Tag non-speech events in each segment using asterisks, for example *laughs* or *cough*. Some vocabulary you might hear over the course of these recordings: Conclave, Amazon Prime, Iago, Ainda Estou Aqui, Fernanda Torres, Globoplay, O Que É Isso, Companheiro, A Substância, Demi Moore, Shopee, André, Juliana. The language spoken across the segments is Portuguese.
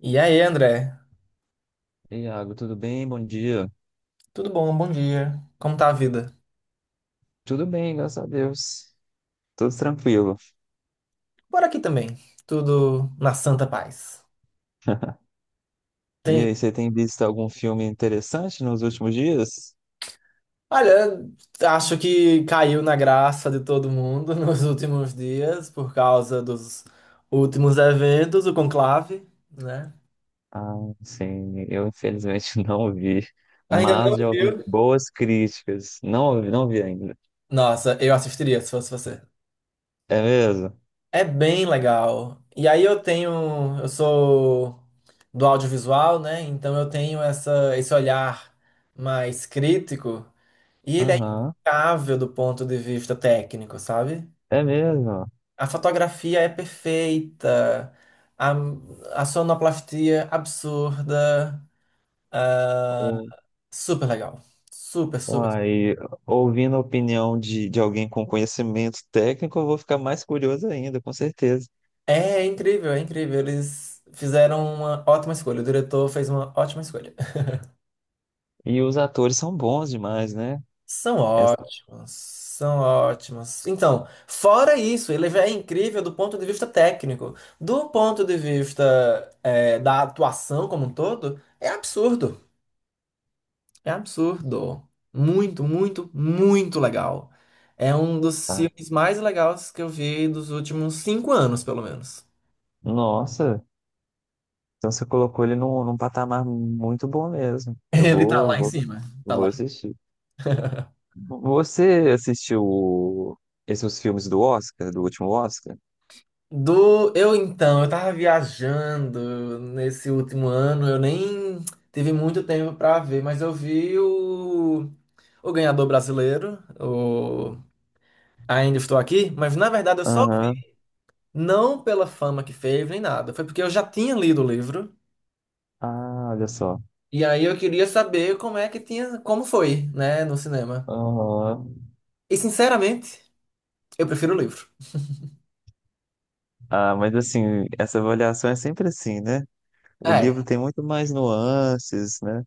E aí, André? Ei, Iago, tudo bem? Bom dia. Tudo bom? Bom dia. Como tá a vida? Tudo bem, graças a Deus. Tudo tranquilo. Por aqui também. Tudo na santa paz. *laughs* E Tem. aí, você tem visto algum filme interessante nos últimos dias? Olha, acho que caiu na graça de todo mundo *laughs* nos últimos dias por causa dos últimos eventos, o conclave, né? Ah, sim, eu infelizmente *laughs* não vi, Ainda não mas já ouvi viu? boas críticas. Não ouvi, não vi ainda. Nossa, eu assistiria se fosse você. É mesmo? É bem legal. E aí eu sou do audiovisual, né? Então eu tenho esse olhar mais crítico. E ele é Aham, impecável do ponto de vista técnico, sabe? é mesmo. A fotografia é perfeita, a, a sonoplastia absurda, U- super legal. Super, super. Uai, ouvindo a opinião de alguém com conhecimento técnico, eu vou ficar mais curioso ainda, com certeza. É incrível, é incrível. Eles fizeram uma ótima escolha. O diretor fez uma ótima escolha. E os atores são bons demais, né? São Essa- ótimos, são ótimos. Então, fora isso, ele já é incrível do ponto de vista técnico. Do ponto de vista, da atuação como um todo, é absurdo. É absurdo. Muito, muito, muito legal. É um dos ah, filmes mais legais que eu vi dos últimos 5 anos, pelo menos. Nossa. Então você colocou ele num patamar muito bom mesmo. *laughs* Ele tá lá em cima. Tá Vou lá. assistir. Você assistiu o- Esses filmes do Oscar, do último Oscar? Do Eu então, eu tava viajando nesse último ano, eu nem tive muito tempo pra ver, mas eu vi o ganhador brasileiro, o Ainda Estou Aqui, mas na verdade eu só Aham. vi, não pela fama que fez nem nada, foi porque eu já tinha lido o livro. Ah, olha só. E aí eu queria saber como é que tinha, como foi, né, no cinema. Aham. E sinceramente, eu prefiro o livro. Ah, mas assim, essa avaliação é sempre assim, né? O livro É. tem muito mais nuances, né?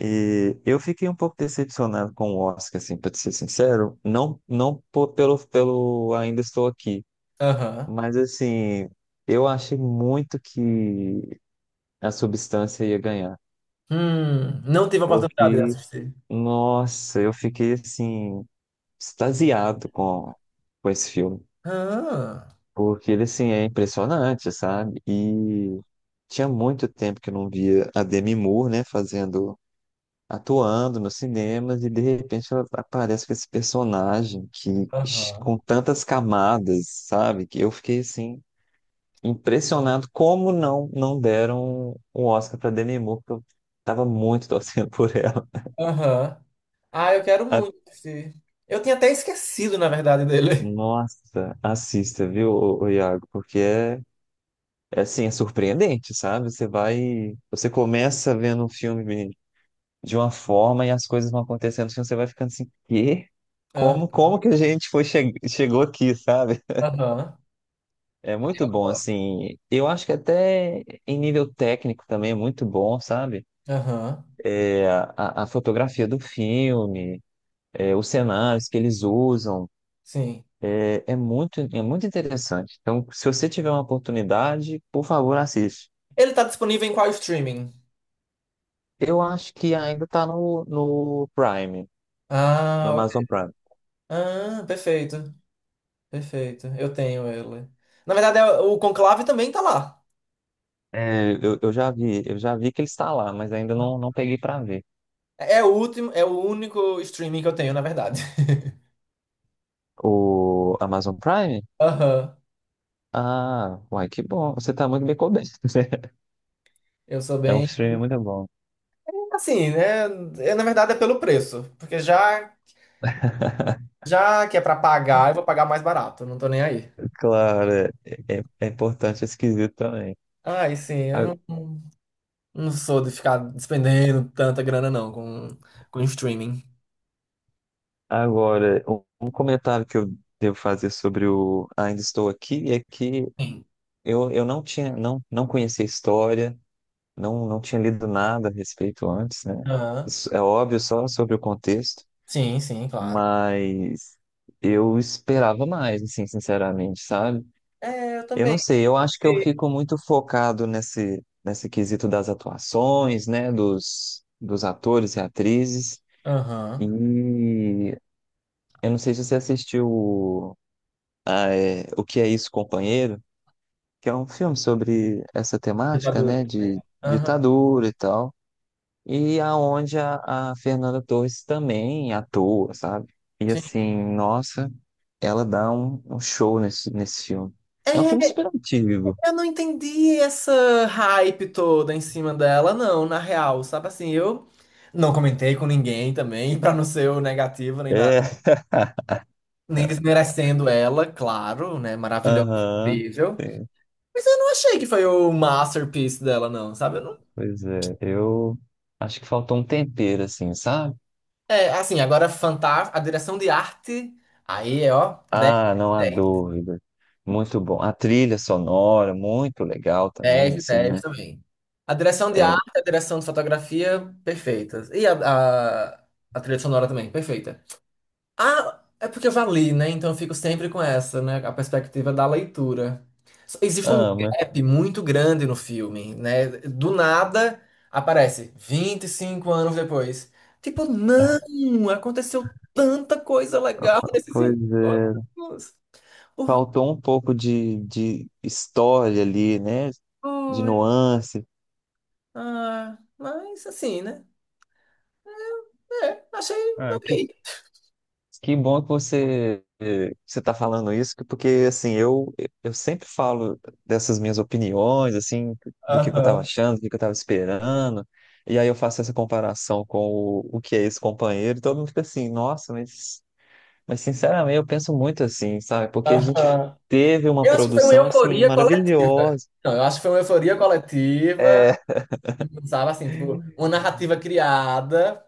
E eu fiquei um pouco decepcionado com o Oscar, assim, para ser sincero. Não, não po- Pelo, pelo Ainda Estou Aqui, Aham. mas assim, eu achei muito que a substância ia ganhar. Não tive a oportunidade de Porque, assistir. nossa, eu fiquei assim, extasiado com esse filme. Ah, Porque ele, assim, é impressionante, sabe? E tinha muito tempo que eu não via a Demi Moore, né, fazendo, atuando nos cinemas, e de repente ela aparece com esse personagem que, aham. com tantas camadas, sabe? Que eu fiquei, assim, impressionado como não deram um Oscar para Demi Moore, que eu tava muito *laughs* torcendo por ela. Aham. Ah, eu quero muito assistir. Eu tinha até esquecido, na verdade, dele. Nossa, assista, viu, ô Iago? Porque é, é assim, é surpreendente, sabe? Você começa vendo um filme de uma forma e as coisas vão acontecendo, assim, você vai ficando assim, quê? Ah. Como, como que a gente foi che- chegou aqui, sabe? Aham. É muito bom, assim. Eu acho que até em nível técnico também é muito bom, sabe? Aham. A fotografia do filme, é, os cenários que eles usam. Sim. É muito interessante. Então, se você tiver uma oportunidade, por favor, assiste. Ele tá disponível em qual streaming? Eu acho que ainda está no Prime, no Ah, ok. Amazon Prime. Ah, perfeito. Perfeito. Eu tenho ele. Na verdade, é o Conclave também tá lá. Eu já vi que ele está lá, mas ainda não, não peguei para ver. É o último, é o único streaming que eu tenho, na verdade. *laughs* O Amazon Prime? Aham. Ah, uai, que bom. Você está muito bem coberto, *laughs* né? Eu sou É um bem. streaming muito bom. Assim, né? É, na verdade é pelo preço. *laughs* Já que é pra pagar, eu vou pagar mais barato. Não tô nem aí. Claro, é importante, é esquisito também. Ai, sim, eu A- não, não sou de ficar despendendo tanta grana, não, com streaming. Agora, um comentário que eu devo fazer sobre o Ainda Estou Aqui é que Sim. Eu não tinha, não, não conhecia a história, não tinha lido nada a respeito antes, né? Aham. Isso é óbvio só sobre o contexto, Sim, sim, claro. mas eu esperava mais, assim, sinceramente, sabe? É, eu Eu também. não sei, eu acho que eu Sim. fico muito focado nesse quesito das atuações, né? Dos atores e atrizes. E Aham. eu não sei se você assistiu O Que É Isso, Companheiro, que é um filme sobre essa temática, Ditadura né? também. De Aham. ditadura e tal. E aonde a Fernanda Torres também atua, sabe? E Sim. assim, nossa, ela dá um show nesse filme. É um filme É, super antigo. eu não entendi essa hype toda em cima dela, não, na real, sabe assim, eu não comentei com ninguém também, *laughs* pra não ser o negativo nem nada, É, nem desmerecendo ela, claro, né, maravilhosa, aham. incrível, mas eu não achei que foi o masterpiece dela, não, sabe, eu não... Pois é, eu acho que faltou um tempero, assim, sabe? É, assim, agora fantástico, a direção de arte, aí, é, ó, 10, Ah, não há dez, dúvida. Muito bom. A trilha sonora, muito legal também, 10, sim, 10 né? também. A direção de É, arte, a direção de fotografia, perfeitas, e a, a trilha sonora também, perfeita. Ah, é porque eu já li, né? Então eu fico sempre com essa, né? A perspectiva da leitura. Existe um ama. gap muito grande no filme, né? Do nada aparece 25 anos depois. Tipo, não! Aconteceu tanta coisa legal *laughs* nesses Pois é. encontros. Faltou um pouco de história ali, né? De Orgulho. nuance. Ah, mas assim, né? É, achei Ah, ok. que, que bom que você está falando isso, porque assim eu sempre falo dessas minhas opiniões, assim, que eu estava Aham, achando, que eu estava esperando, e aí eu faço essa comparação com o que é esse companheiro, e todo mundo fica assim, nossa, mas sinceramente eu penso muito assim, sabe? Porque a gente aham. teve uma Eu acho que foi uma produção assim euforia coletiva. maravilhosa. Não, eu acho que foi uma euforia coletiva, É, sabe assim, tipo, *laughs* uma narrativa criada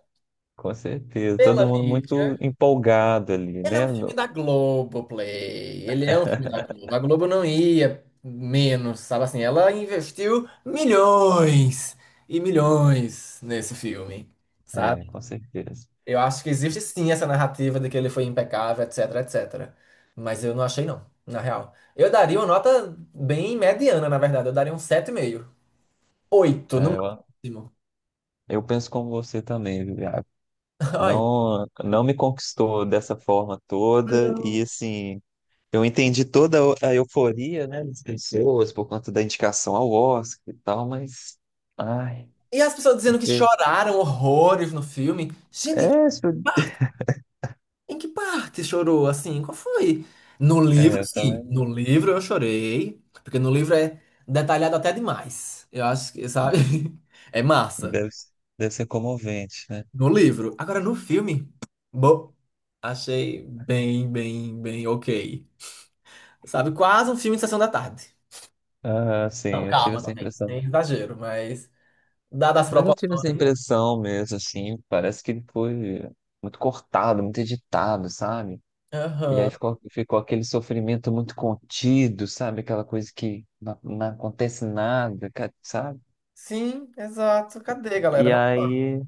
com certeza, todo pela mundo mídia. muito empolgado ali, Ele é né? um filme da Globoplay. Ele é um filme da Globo. A Globo não ia menos, sabe assim, ela investiu milhões e milhões nesse filme, É, sabe? com certeza. Eu acho que existe sim essa narrativa de que ele foi impecável, etc, etc. Mas eu não achei não, na real. Eu daria uma nota bem mediana, na verdade. Eu daria um 7,5. Oito, É, no eu máximo. Eu penso como você também, Juliana. *laughs* Ai. Não, não me conquistou dessa forma toda e Não. assim, eu entendi toda a euforia, né, das pessoas por conta da indicação ao Oscar e tal, mas ai, E as pessoas dizendo que infe- choraram horrores no filme. Gente, isso- em que parte chorou assim? Qual foi? No livro, é, eu sim. No também livro eu chorei, porque no livro é detalhado até demais. Eu acho que, sabe? *laughs* É massa. deve, deve ser comovente, né? No livro. Agora no filme, bom, achei bem, bem, bem ok. Sabe? Quase um filme de sessão da tarde. Ah, sim, Não, eu tive calma, essa também. impressão. Sem exagero, mas dadas as Mas eu tive essa proporções. impressão mesmo, assim, parece que ele foi muito cortado, muito editado, sabe? E aí Aham. Ficou aquele sofrimento muito contido, sabe? Aquela coisa que não acontece nada, sabe? Sim, exato. Cadê, galera? E Vamos lá. aí.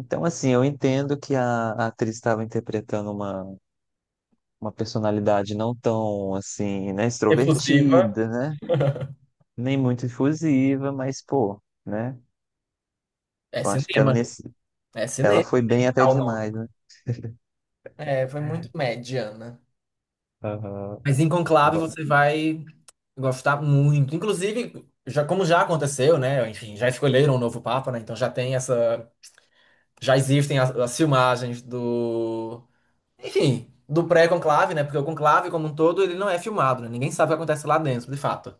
Então, assim, eu entendo que a atriz estava interpretando uma personalidade não tão, assim, né? Efusiva. Extrovertida, né? Nem muito efusiva, mas, pô, né? É Eu acho que ela, cinema. nesse, É ela cinema, foi bem tem que até dar o demais, nome. né? É, foi muito mediana. Aham. Mas em Conclave Bom, você vai gostar muito. Inclusive, já, como já aconteceu, né? Enfim, já escolheram o novo Papa, né? Então já tem essa. Já existem as filmagens do. Enfim, do pré-conclave, né? Porque o conclave, como um todo, ele não é filmado, né? Ninguém sabe o que acontece lá dentro, de fato.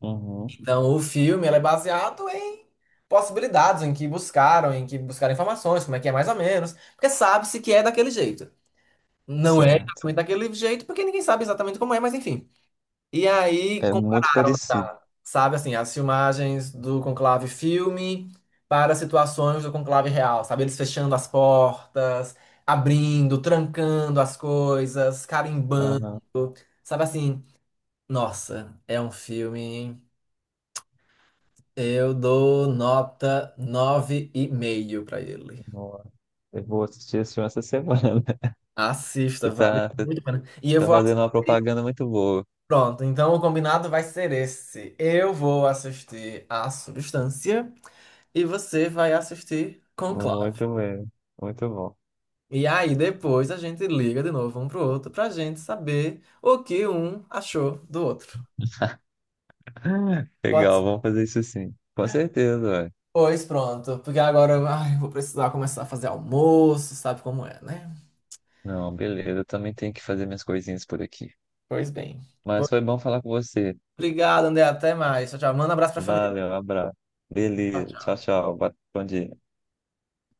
uhum. Então, o filme ele é baseado em possibilidades, em que buscaram informações, como é que é mais ou menos, porque sabe-se que é daquele jeito. Não é Certo. exatamente daquele jeito, porque ninguém sabe exatamente como é, mas enfim. E aí É muito compararam, parecido. tá? Sabe assim, as filmagens do conclave filme para situações do conclave real, sabe? Eles fechando as portas, abrindo, trancando as coisas, carimbando, Aham. sabe assim? Nossa, é um filme. Eu dou nota 9,5 para ele. Nossa. Eu vou assistir esse filme essa semana. Assista, vale Você muito a pena. E eu tá vou fazendo uma assistir. propaganda muito boa. Pronto, então o combinado vai ser esse. Eu vou assistir A Substância e você vai assistir Conclave. Muito mesmo. Muito bom. E aí depois a gente liga de novo um pro outro pra gente saber o que um achou do outro. *laughs* Pode Legal, ser. vamos fazer isso sim. Com certeza, ué. Pois pronto, porque agora ai, eu vou precisar começar a fazer almoço, sabe como é, né? Não, beleza. Eu também tenho que fazer minhas coisinhas por aqui. Pois bem. Mas foi bom falar com você. Obrigado, André. Até mais. Tchau, tchau. Manda um abraço pra família. Valeu, um abraço. Beleza. Tchau, tchau. Bom dia.